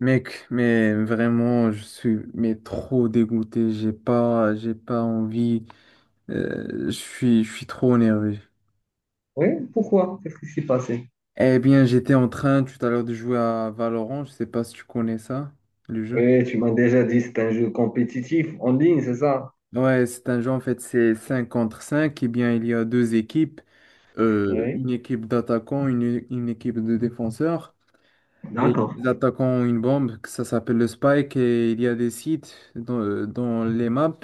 Mec, mais vraiment, je suis mais trop dégoûté. J'ai pas envie. Je suis trop énervé. Oui, pourquoi? Qu'est-ce qui s'est passé? Eh bien, j'étais en train tout à l'heure de jouer à Valorant. Je sais pas si tu connais ça, le jeu. Oui, tu m'as déjà dit c'est un jeu compétitif en ligne, c'est ça? Ouais, c'est un jeu en fait, c'est 5 contre 5. Eh bien, il y a deux équipes, Oui, une équipe d'attaquants, une équipe de défenseurs. Et d'accord. les attaquants ont une bombe, que ça s'appelle le Spike, et il y a des sites dans les maps.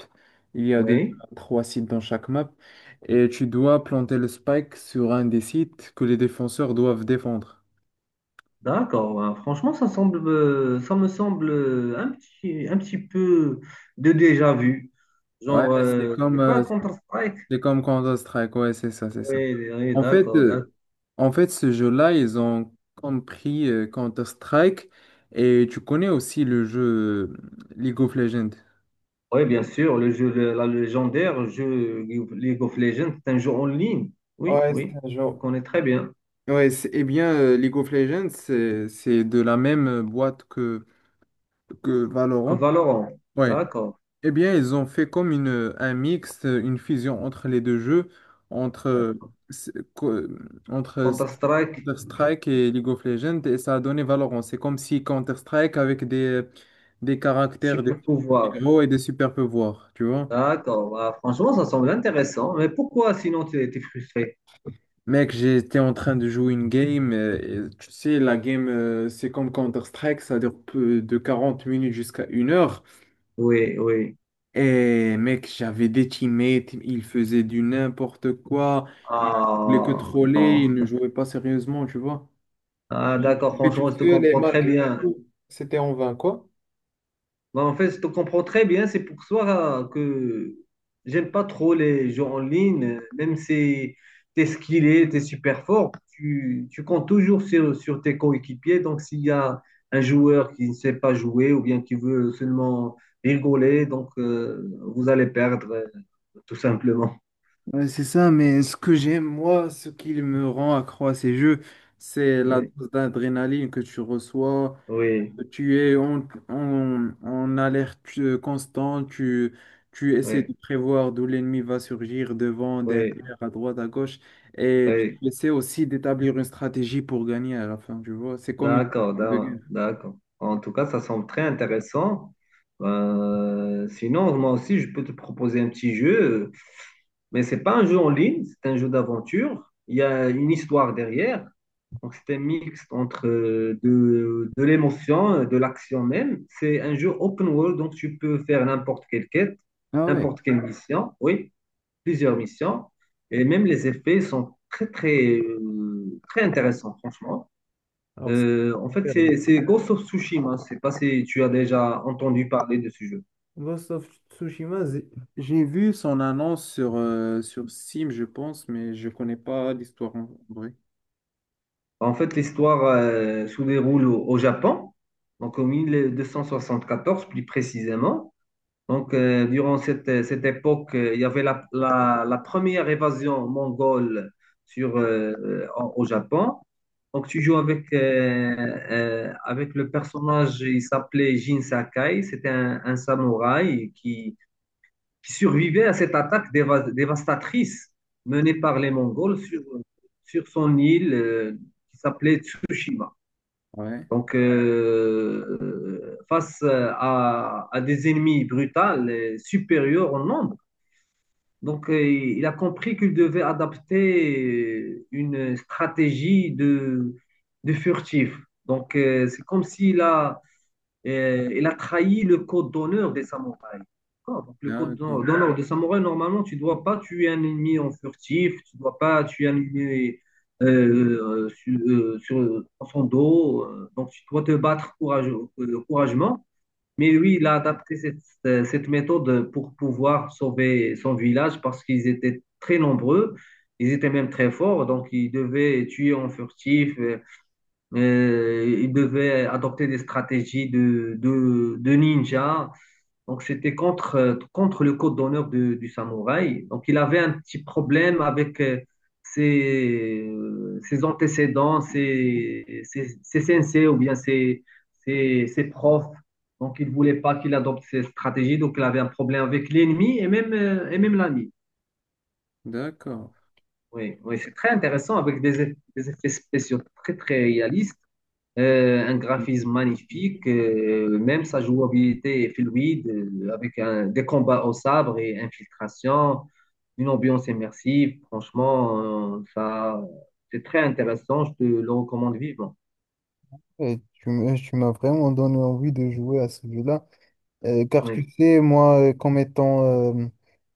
Il y a deux, Oui, trois sites dans chaque map. Et tu dois planter le Spike sur un des sites que les défenseurs doivent défendre. d'accord. Ah, franchement, ça semble, ça me semble un petit peu de déjà vu. Ouais, Genre, c'est euh, comme, c'est pas euh, Counter-Strike? c'est comme Counter-Strike. Ouais, c'est ça, c'est ça. Oui, oui, En fait, d'accord, d'accord. euh, en fait, ce jeu-là, ils ont compris Counter-Strike. Et tu connais aussi le jeu euh, League of Legends. Oui, bien sûr, le jeu, la légendaire, le jeu League of Legends, c'est un jeu en ligne. Oui, Ouais, c'est oui, un jeu. je connais très bien. Ouais, eh bien, League of Legends, c'est de la même boîte que Valorant. Valorant, Ouais. d'accord, Eh bien, ils ont fait comme un mix, une fusion entre les deux jeux, entre, euh, d'accord. c'est- co- entre Counter-Strike, Counter-Strike et League of Legends, et ça a donné Valorant. C'est comme si Counter-Strike avec des caractères, des super pouvoir. héros et des super pouvoirs, tu vois? D'accord. Bah, franchement, ça semble intéressant. Mais pourquoi sinon tu étais frustré? Mec, j'étais en train de jouer une game. Et tu sais, la game, c'est comme Counter-Strike, ça dure de 40 minutes jusqu'à 1 heure. Oui, oui. Et mec, j'avais des teammates, ils faisaient du n'importe quoi, ils voulaient que Ah, troller, non. ils ne jouaient pas sérieusement, tu vois. Ah, Et d'accord. j'étais tout Franchement, je te seul et comprends très malgré bien. tout, c'était en vain, quoi. Bah, en fait, je te comprends très bien. C'est pour ça que j'aime pas trop les jeux en ligne. Même si tu es skillé, tu es super fort, tu comptes toujours sur tes coéquipiers. Donc, s'il y a un joueur qui ne sait pas jouer ou bien qui veut seulement rigoler, donc vous allez perdre, tout simplement. Ouais, c'est ça, mais ce que j'aime, moi, ce qui me rend accro à ces jeux, c'est la Oui. dose d'adrénaline que tu reçois. Oui, Tu es en alerte constante, tu essaies de oui, prévoir d'où l'ennemi va surgir, devant, oui, derrière, à droite, à gauche, et oui. tu essaies aussi d'établir une stratégie pour gagner à la fin, tu vois. C'est comme une D'accord, équipe de guerre. D'accord. En tout cas, ça semble très intéressant. Sinon, moi aussi, je peux te proposer un petit jeu, mais c'est pas un jeu en ligne, c'est un jeu d'aventure. Il y a une histoire derrière. Donc, c'est un mix entre de l'émotion, de l'action même. C'est un jeu open world, donc tu peux faire n'importe quelle quête, Ah ouais. n'importe quelle mission. Oui, plusieurs missions et même les effets sont très, très, très intéressants, franchement. Alors, c'est Euh, en fait, super. c'est c'est Ghost of Tsushima. Je sais pas si tu as déjà entendu parler de ce jeu. Ghost of Tsushima, j'ai vu son annonce sur Steam, je pense, mais je connais pas l'histoire en vrai. En fait, l'histoire se déroule au Japon, donc en 1274 plus précisément. Donc, durant cette époque, il y avait la première évasion mongole au Japon. Donc, tu joues avec le personnage. Il s'appelait Jin Sakai. C'était un samouraï qui survivait à cette dévastatrice menée par les Mongols sur son île, qui s'appelait Tsushima. Ouais, Donc, face à des ennemis brutaux et supérieurs en nombre, donc il a compris qu'il devait adapter une stratégie de furtif. Donc, c'est comme s'il a, il a trahi le code d'honneur des samouraïs. D'accord. Donc, le d'accord, d'honneur des samouraïs, normalement, tu ne dois pas tuer un ennemi en furtif, tu ne dois pas tuer un ennemi dans son dos. Donc, tu dois te battre courageusement. Mais lui, il a adapté cette méthode pour pouvoir sauver son village parce qu'ils étaient très nombreux, ils étaient même très forts, donc ils devaient tuer en furtif, il devait adopter des stratégies de ninja. Donc, c'était contre le code d'honneur du samouraï. Donc, il avait un petit problème avec ses antécédents, ses sensei ou bien ses profs. Donc, il ne voulait pas qu'il adopte ces stratégies. Donc, il avait un problème avec l'ennemi et même l'ami. d'accord. Oui, oui, c'est très intéressant avec des effets spéciaux très, très réalistes. Un Et graphisme magnifique, même sa jouabilité est fluide, avec des combats au sabre et infiltration, une ambiance immersive. Franchement, ça, c'est très intéressant. Je te le recommande vivement. tu m'as vraiment donné envie de jouer à ce jeu-là. Car Oui, tu sais, moi, comme étant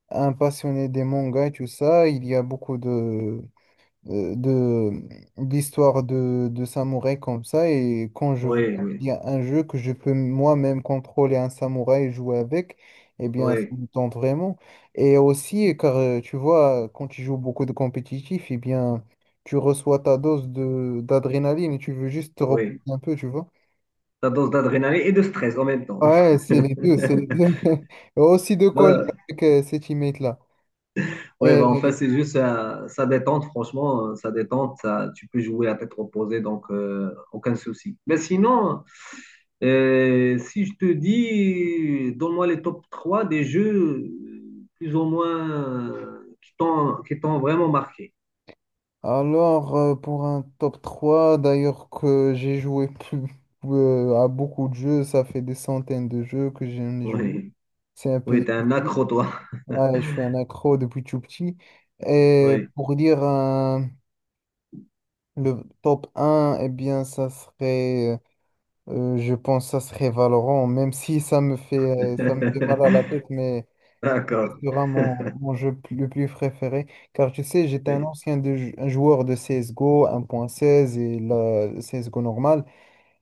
un passionné des mangas et tout ça, il y a beaucoup de d'histoires de samouraï comme ça et quand je vois oui, oui, qu'il y a un jeu que je peux moi-même contrôler un samouraï et jouer avec, eh bien ça oui, me tente vraiment. Et aussi car tu vois quand tu joues beaucoup de compétitif, eh bien tu reçois ta dose de d'adrénaline et tu veux juste te reposer oui. un peu, tu vois. Ta dose d'adrénaline et de stress en même temps. Ouais, c'est les deux, c'est les deux. Et aussi de coller Voilà. avec ces teammates-là. Oui, bah, en fait, c'est juste ça, ça détente, franchement, ça détente, ça, tu peux jouer à tête reposée, donc aucun souci. Mais sinon, si- je te dis, donne-moi les top 3 des jeux plus ou moins qui t'ont vraiment marqué. Alors, pour un top 3 d'ailleurs que j'ai joué à beaucoup de jeux, ça fait des centaines de jeux que j'en ai joué. Oui, C'est un peu oui, t'es un difficile. accro, toi. Ouais, je suis un accro depuis tout petit. Et Oui, pour dire le top un eh bien, ça serait, je pense, ça serait Valorant, même si ça me fait mal à la tête, mais d'accord. sera mon jeu le plus préféré. Car tu sais, j'étais un Oui, ancien un joueur de CSGO 1.16 et le la CSGO normal.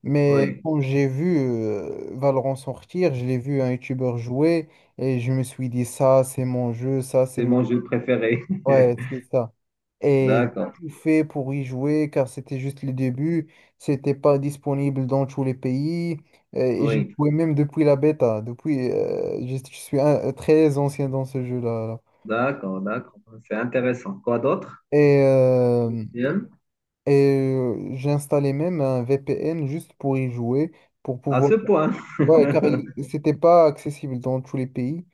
Mais oui, quand j'ai vu Valorant sortir, je l'ai vu un YouTuber jouer et je me suis dit, ça, c'est mon jeu, ça, c'est c'est le. mon jeu préféré. Ouais, c'est ça. Et D'accord, j'ai tout fait pour y jouer car c'était juste le début. C'était pas disponible dans tous les pays. Et j'ai oui, joué même depuis la bêta. Depuis, je suis très ancien dans ce jeu-là. d'accord, d'accord. C'est intéressant. Quoi d'autre? Et, euh, Bien. et j'ai installé même un VPN juste pour y jouer, pour À pouvoir. ce point. Ouais, car c'était pas accessible dans tous les pays.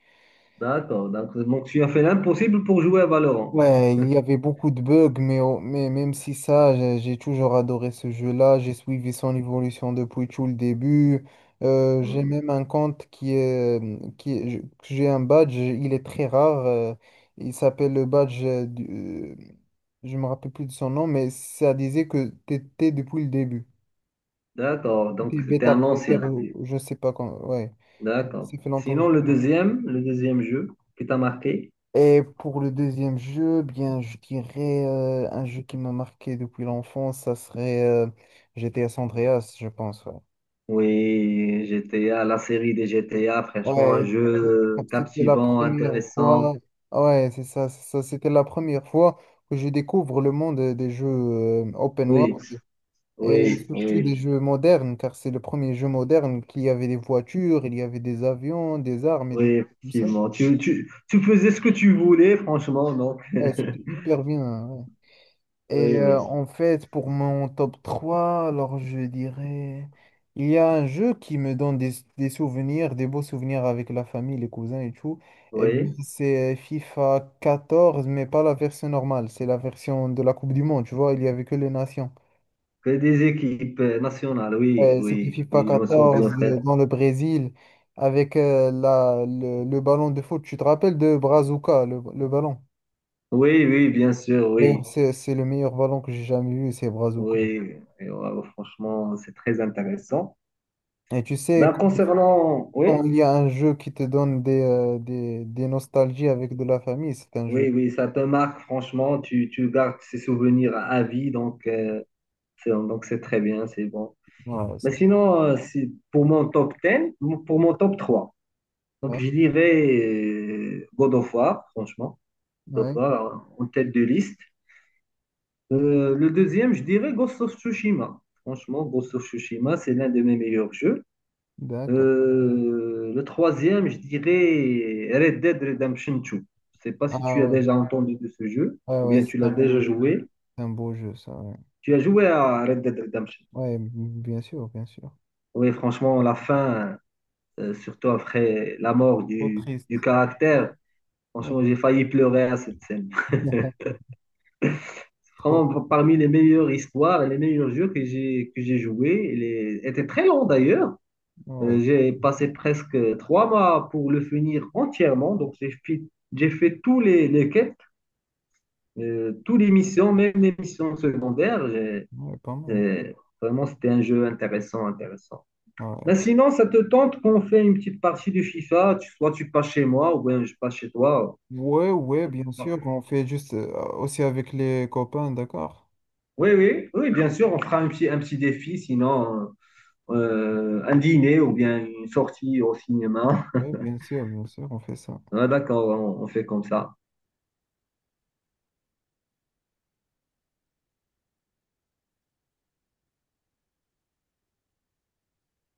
D'accord. Donc, tu as fait l'impossible pour jouer à Valorant. Ouais, il y avait beaucoup de bugs, mais même si ça, j'ai toujours adoré ce jeu-là. J'ai suivi son évolution depuis tout le début. J'ai Hmm. même un compte. J'ai un badge, il est très rare. Il s'appelle le badge. Je me rappelle plus de son nom, mais ça disait que t'étais depuis le début. D'accord. Et Donc, puis c'était Beta un Player, ancien. ou je sais pas quand. Ouais, D'accord. ça fait longtemps que Sinon, je l'ai vu. Le deuxième jeu qui t'a marqué? Et pour le deuxième jeu, bien, je dirais un jeu qui m'a marqué depuis l'enfance, ça serait GTA San Andreas, je pense. Ouais, Oui, GTA, la série des GTA, franchement, un ouais, c'est- jeu c'était la captivant, première fois. intéressant. Ouais, c'est ça, c'est ça. C'était la première fois que je découvre le monde des jeux open Oui, world et oui, surtout des oui, jeux modernes, car c'est le premier jeu moderne qui avait des voitures, il y avait des avions, des armes et oui, tout ça. effectivement. Tu faisais ce que tu voulais, franchement, donc. Ouais, c'était hyper bien. Ouais. Et Oui, oui, en fait, pour mon top 3 alors je dirais, il y a un jeu qui me donne des souvenirs, des beaux souvenirs avec la famille, les cousins et tout. Et bien, oui. c'est FIFA 14 mais pas la version normale, c'est la version de la Coupe du Monde, tu vois, il y avait que les nations. Que des équipes nationales, oui, C'était oui, FIFA oui, je me souviens, quatorze frère. Dans le Brésil avec le ballon de foot. Tu te rappelles de Brazuca, le ballon? Oui, oui, bien sûr, D'ailleurs, oui. c'est le meilleur ballon que j'ai jamais vu, c'est Brazuca. Oui, Et, franchement, c'est très intéressant. Et tu sais, Ben, concernant, quand oui, il y a un jeu qui te donne des nostalgies avec de la famille, c'est un jeu. oui, oui, ça te marque, franchement, tu gardes ces souvenirs à vie, donc c'est donc c'est très bien, c'est bon. Ouais, Mais ça. sinon, pour mon top 10, pour mon top 3, donc Ouais, je dirais God of War, franchement, God of ouais, War en tête de liste. Le deuxième, je dirais Ghost of Tsushima. Franchement, Ghost of Tsushima, c'est l'un de mes meilleurs jeux. d'accord. Le troisième, je dirais Red Dead Redemption 2. Je ne sais pas si Ah tu as ouais, déjà entendu de ce jeu ouais, ou ouais, bien tu c'est l'as un déjà beau, joué. c'est un beau jeu, ça. Ouais, Tu as joué à Red Dead Redemption. ouais, bien sûr, bien sûr. Oui, franchement, la fin, surtout après la mort Trop triste. du caractère, franchement, Ouais. j'ai failli pleurer à cette scène. Trop. Vraiment, parmi les meilleures histoires et les meilleurs jeux que j'ai joué, était très long d'ailleurs. Ouais, J'ai passé presque trois mois pour le finir entièrement, donc j'ai fait tous les quêtes. Toutes les missions, même les missions secondaires, ouais, pas mal. j'ai- vraiment, c'était un jeu intéressant, intéressant. Ouais. Ben, sinon, ça te tente qu'on fait une petite partie du FIFA, soit tu passes chez moi, ou bien je passe chez toi. Ouais, ouais, bien sûr, on fait juste aussi avec les copains, d'accord? Oui, oui, oui, bien sûr, on fera un petit défi, sinon un dîner ou bien une sortie au cinéma. Ouais, bien sûr, on fait ça. Ah, d'accord, on fait comme ça.